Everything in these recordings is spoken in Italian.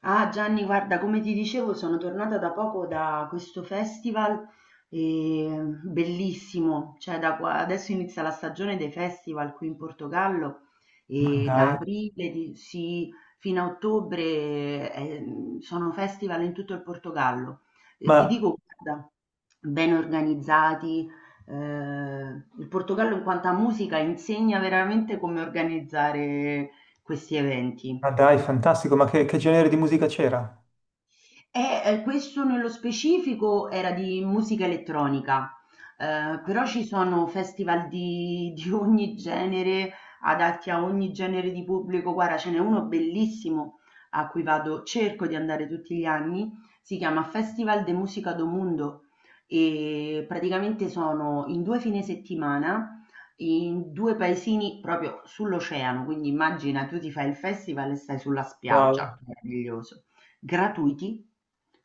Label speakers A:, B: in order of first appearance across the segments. A: Ah Gianni, guarda, come ti dicevo, sono tornata da poco da questo festival, bellissimo. Cioè adesso inizia la stagione dei festival qui in Portogallo
B: Ma
A: e
B: dai,
A: da sì, fino a ottobre, eh, sono festival in tutto il Portogallo.
B: ma,
A: Ti dico, guarda, ben organizzati, eh, il Portogallo in quanto a musica insegna veramente come organizzare questi eventi.
B: ma dai, fantastico, ma che genere di musica c'era?
A: E questo nello specifico era di musica elettronica, però ci sono festival di ogni genere, adatti a ogni genere di pubblico. Guarda, ce n'è uno bellissimo a cui vado cerco di andare tutti gli anni, si chiama Festival de Música do Mundo e praticamente sono in 2 fine settimana in 2 paesini proprio sull'oceano, quindi immagina, tu ti fai il festival e stai sulla spiaggia,
B: Wow,
A: meraviglioso. Gratuiti,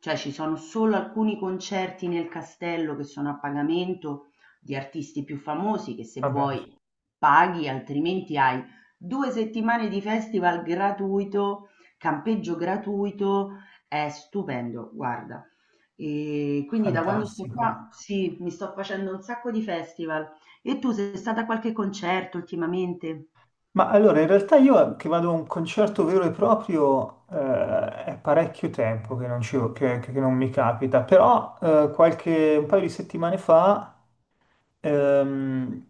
A: cioè ci sono solo alcuni concerti nel castello che sono a pagamento di artisti più famosi che, se
B: vabbè,
A: vuoi, paghi, altrimenti hai due settimane di festival gratuito, campeggio gratuito, è stupendo, guarda. E quindi da quando sto
B: fantastico.
A: qua, sì, mi sto facendo un sacco di festival. E tu sei stata a qualche concerto ultimamente?
B: Ma allora, in realtà io che vado a un concerto vero e proprio è parecchio tempo che che non mi capita, però qualche, un paio di settimane fa Ehm,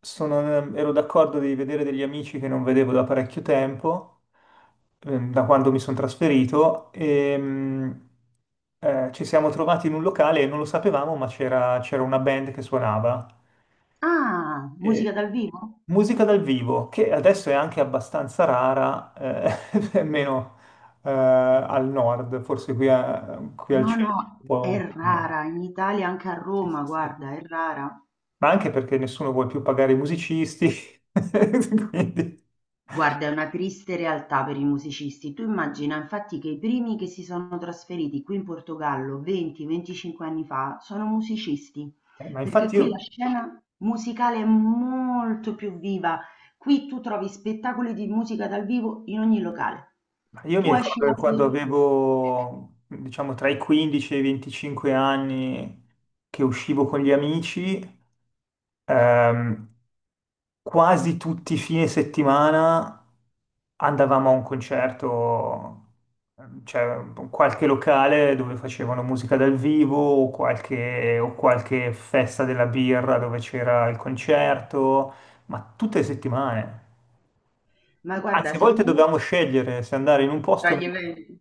B: sono- ero d'accordo di vedere degli amici che non vedevo da parecchio tempo, da quando mi sono trasferito, e ci siamo trovati in un locale e non lo sapevamo, ma c'era una band che suonava.
A: Ah, musica
B: E-
A: dal vivo?
B: Musica dal vivo, che adesso è anche abbastanza rara, almeno al nord, forse qui, a- qui al
A: No,
B: centro,
A: no,
B: un po'
A: è
B: un po' meno.
A: rara, in Italia, anche a
B: Sì, sì,
A: Roma,
B: sì.
A: guarda, è rara.
B: Ma anche perché nessuno vuole più pagare i musicisti. Quindi,
A: Guarda, è una triste realtà per i musicisti. Tu immagina, infatti, che i primi che si sono trasferiti qui in Portogallo 20-25 anni fa sono musicisti,
B: ma
A: perché
B: infatti
A: qui la
B: io,
A: scena musicale è molto più viva. Qui tu trovi spettacoli di musica dal vivo in ogni locale.
B: ma io mi
A: Tu esci
B: ricordo
A: la
B: che quando
A: sera,
B: avevo, diciamo, tra i 15 e i 25 anni che uscivo con gli amici. Ehm, Quasi tutti i fine settimana andavamo a un concerto, cioè qualche locale dove facevano musica dal vivo o qualche festa della birra dove c'era il concerto, ma tutte le settimane.
A: ma guarda,
B: Anzi, a volte
A: secondo me,
B: dovevamo scegliere se andare in un posto
A: tra
B: o
A: gli
B: nell'altro.
A: eventi.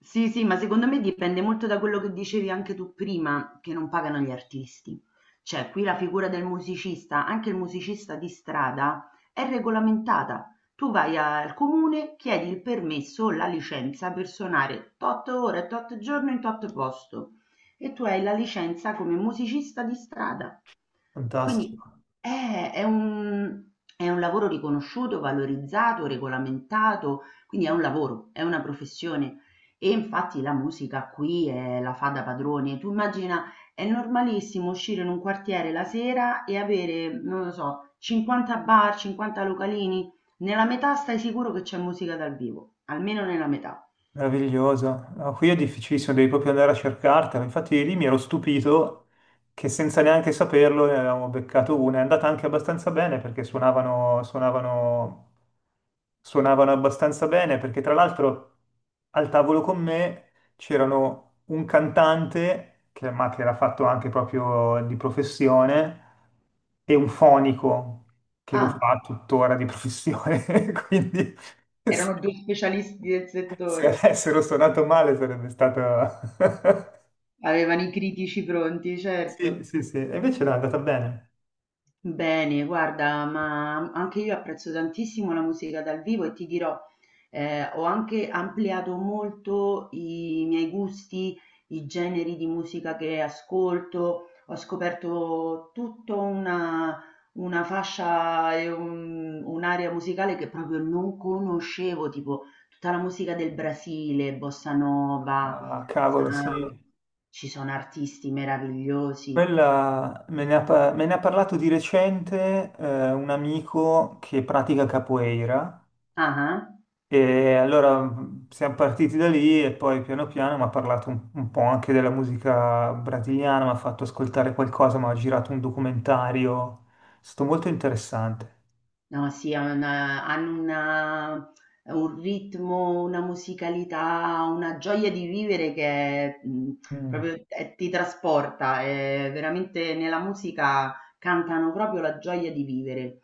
A: Sì, sì, ma secondo me dipende molto da quello che dicevi anche tu prima, che non pagano gli artisti. Cioè, qui la figura del musicista, anche il musicista di strada, è regolamentata. Tu vai al comune, chiedi il permesso o la licenza per suonare tot ore, tot giorno in tot posto e tu hai la licenza come musicista di strada. Quindi
B: Fantastico.
A: è è un è un lavoro riconosciuto, valorizzato, regolamentato, quindi è un lavoro, è una professione. E infatti la musica qui è la fa da padrone. Tu immagina, è normalissimo uscire in un quartiere la sera e avere, non lo so, 50 bar, 50 localini. Nella metà stai sicuro che c'è musica dal vivo, almeno nella metà.
B: Meravigliosa. No, qui è difficilissimo, devi proprio andare a cercartela. Infatti lì mi ero stupito che senza neanche saperlo ne avevamo beccato una. È andata anche abbastanza bene perché suonavano abbastanza bene perché tra l'altro al tavolo con me c'erano un cantante, che, ma che era fatto anche proprio di professione, e un fonico che lo
A: Ah,
B: fa tuttora di professione. Quindi…
A: erano due specialisti del
B: Se
A: settore,
B: avessero suonato male sarebbe stato…
A: avevano i critici pronti,
B: Sì,
A: certo.
B: sì, sì. E invece no, è andata bene.
A: Bene, guarda, ma anche io apprezzo tantissimo la musica dal vivo e ti dirò, ho anche ampliato molto i miei gusti, i generi di musica che ascolto, ho scoperto tutta una fascia e un'area musicale che proprio non conoscevo, tipo tutta la musica del Brasile, bossa nova,
B: Ah, cavolo, sì.
A: samba, ci sono artisti meravigliosi.
B: Quella me ne ha, me ne ha parlato di recente un amico che pratica capoeira
A: Ah ah.
B: e allora siamo partiti da lì e poi piano piano mi ha parlato un po' anche della musica brasiliana, mi ha fatto ascoltare qualcosa, mi ha girato un documentario, è stato molto interessante.
A: No, sì, ha una hanno una un ritmo, una musicalità, una gioia di vivere che,
B: Mm.
A: proprio t ti trasporta, veramente nella musica cantano proprio la gioia di vivere.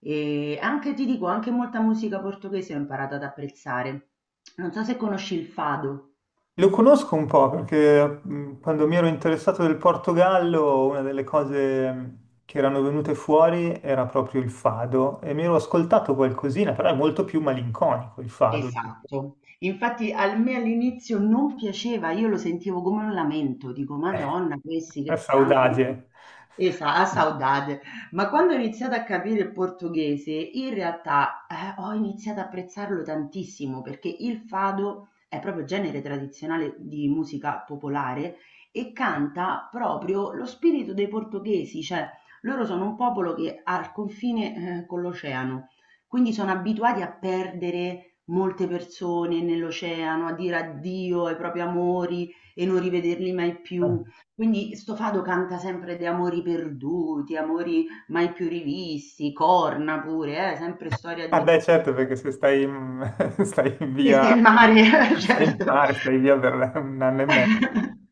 A: E anche ti dico, anche molta musica portoghese ho imparato ad apprezzare. Non so se conosci il fado.
B: Lo conosco un po' perché quando mi ero interessato del Portogallo, una delle cose che erano venute fuori era proprio il fado e mi ero ascoltato qualcosina, però è molto più malinconico il fado, giusto?
A: Esatto. Infatti a me all'inizio non piaceva, io lo sentivo come un lamento, dico: "Madonna, questi
B: È
A: che piangono".
B: saudade.
A: Esa a saudade. Ma quando ho iniziato a capire il portoghese, in realtà, ho iniziato a apprezzarlo tantissimo perché il fado è proprio genere tradizionale di musica popolare e canta proprio lo spirito dei portoghesi, cioè loro sono un popolo che ha il confine, con l'oceano, quindi sono abituati a perdere molte persone nell'oceano, a dire addio ai propri amori e non rivederli mai più. Quindi sto Fado canta sempre di amori perduti, amori mai più rivisti, corna pure, sempre storia
B: Ah
A: di
B: beh, certo, perché se stai in, stai in via,
A: vista in mare,
B: stai in
A: certo.
B: mare, stai via per un anno e mezzo.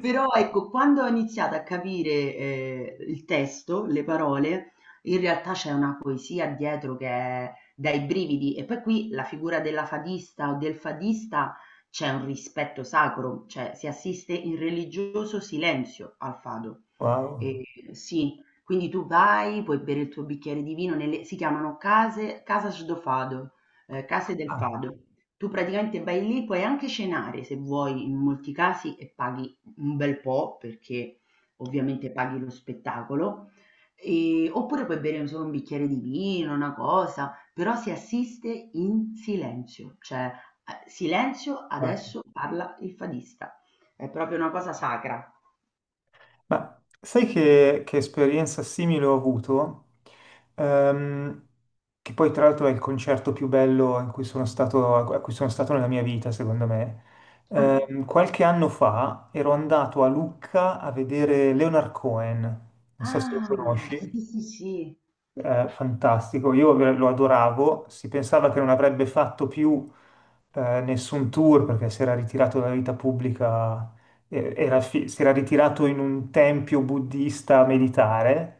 A: Però ecco, quando ho iniziato a capire, il testo, le parole, in realtà c'è una poesia dietro che è dai brividi. E poi qui la figura della fadista o del fadista c'è un rispetto sacro, cioè si assiste in religioso silenzio al fado.
B: Wow.
A: E sì, quindi tu vai, puoi bere il tuo bicchiere di vino nelle, si chiamano case, casas do fado, case del
B: Ah,
A: fado. Tu praticamente vai lì, puoi anche cenare se vuoi in molti casi e paghi un bel po' perché ovviamente paghi lo spettacolo. Oppure puoi bere solo un bicchiere di vino, una cosa, però si assiste in silenzio, cioè silenzio,
B: ah.
A: adesso parla il fadista, è proprio una cosa sacra.
B: Ma sai che esperienza simile ho avuto? Ehm, che poi tra l'altro è il concerto più bello in cui sono stato, a cui sono stato nella mia vita, secondo me.
A: Ah,
B: Qualche anno fa ero andato a Lucca a vedere Leonard Cohen, non so se lo
A: ah, sì,
B: conosci
A: sì, sì,
B: fantastico. Io lo adoravo. Si pensava che non avrebbe fatto più nessun tour perché si era ritirato dalla vita pubblica, era si era ritirato in un tempio buddista a meditare.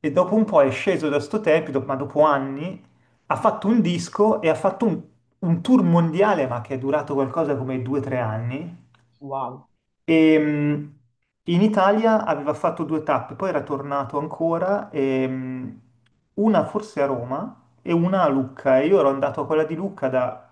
B: E dopo un po' è sceso da sto tempio, ma dopo anni ha fatto un disco e ha fatto un tour mondiale, ma che è durato qualcosa come due o tre anni.
A: wow.
B: E, in Italia aveva fatto 2 tappe, poi era tornato ancora, e, una forse a Roma e una a Lucca. E io ero andato a quella di Lucca da-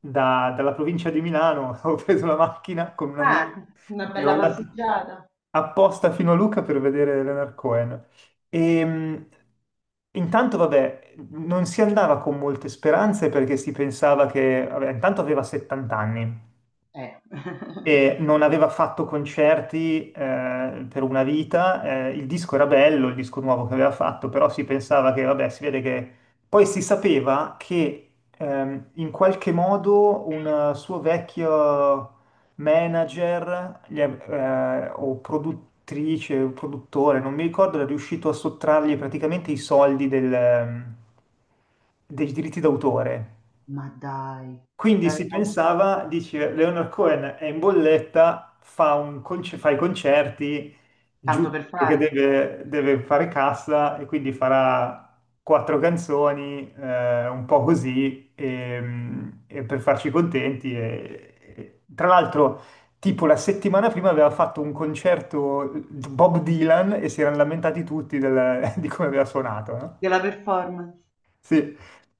B: da- dalla provincia di Milano, avevo preso la macchina con un amico,
A: Ah, una
B: e ero
A: bella
B: andato
A: passeggiata.
B: apposta fino a Lucca per vedere Leonard Cohen. E, intanto, vabbè, non si andava con molte speranze perché si pensava che, vabbè, intanto aveva 70 anni
A: Eh.
B: e non aveva fatto concerti per una vita, il disco era bello, il disco nuovo che aveva fatto, però si pensava che, vabbè, si vede che… Poi si sapeva che in qualche modo un suo vecchio manager o produttrice, o produttore, non mi ricordo, era riuscito a sottrargli praticamente i soldi del, dei diritti d'autore.
A: Ma dai,
B: Quindi si
A: l'avevano
B: pensava, dici, Leonard Cohen è in bolletta, fa, un fa i concerti,
A: tanto per
B: giusto perché
A: fare?
B: deve, deve fare cassa e quindi farà quattro canzoni, un po' così, e per farci contenti. Tra l'altro, tipo la settimana prima aveva fatto un concerto Bob Dylan e si erano lamentati tutti del- di come aveva suonato, no?
A: Della performance?
B: Sì.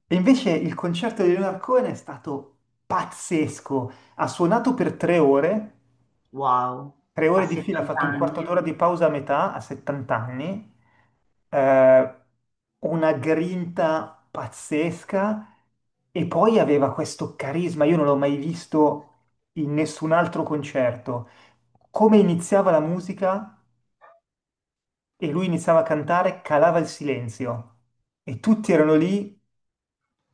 B: E invece il concerto di Leonard Cohen è stato pazzesco. Ha suonato per 3 ore,
A: Wow,
B: tre
A: a
B: ore di fila, ha
A: 70
B: fatto un quarto
A: anni,
B: d'ora
A: eh?
B: di pausa a metà, a 70 anni. Eh, una grinta pazzesca e poi aveva questo carisma, io non l'ho mai visto in nessun altro concerto. Come iniziava la musica e lui iniziava a cantare, calava il silenzio e tutti erano lì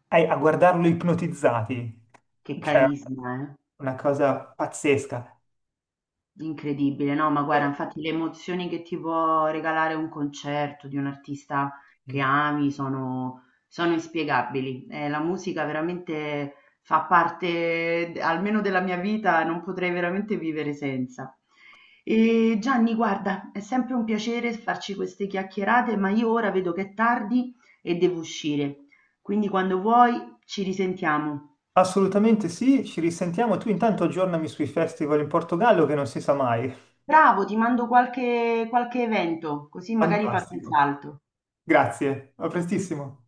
B: a guardarlo ipnotizzati.
A: Che
B: Cioè,
A: carisma, eh?
B: una cosa pazzesca.
A: Incredibile, no, ma guarda,
B: Eh,
A: infatti le emozioni che ti può regalare un concerto di un artista che ami sono inspiegabili. La musica veramente fa parte d almeno della mia vita, non potrei veramente vivere senza. Gianni, guarda, è sempre un piacere farci queste chiacchierate, ma io ora vedo che è tardi e devo uscire. Quindi quando vuoi ci risentiamo.
B: Assolutamente sì, ci risentiamo. Tu intanto aggiornami sui festival in Portogallo che non si sa mai.
A: Bravo, ti mando qualche evento, così magari fate un
B: Fantastico.
A: salto.
B: Grazie, a prestissimo.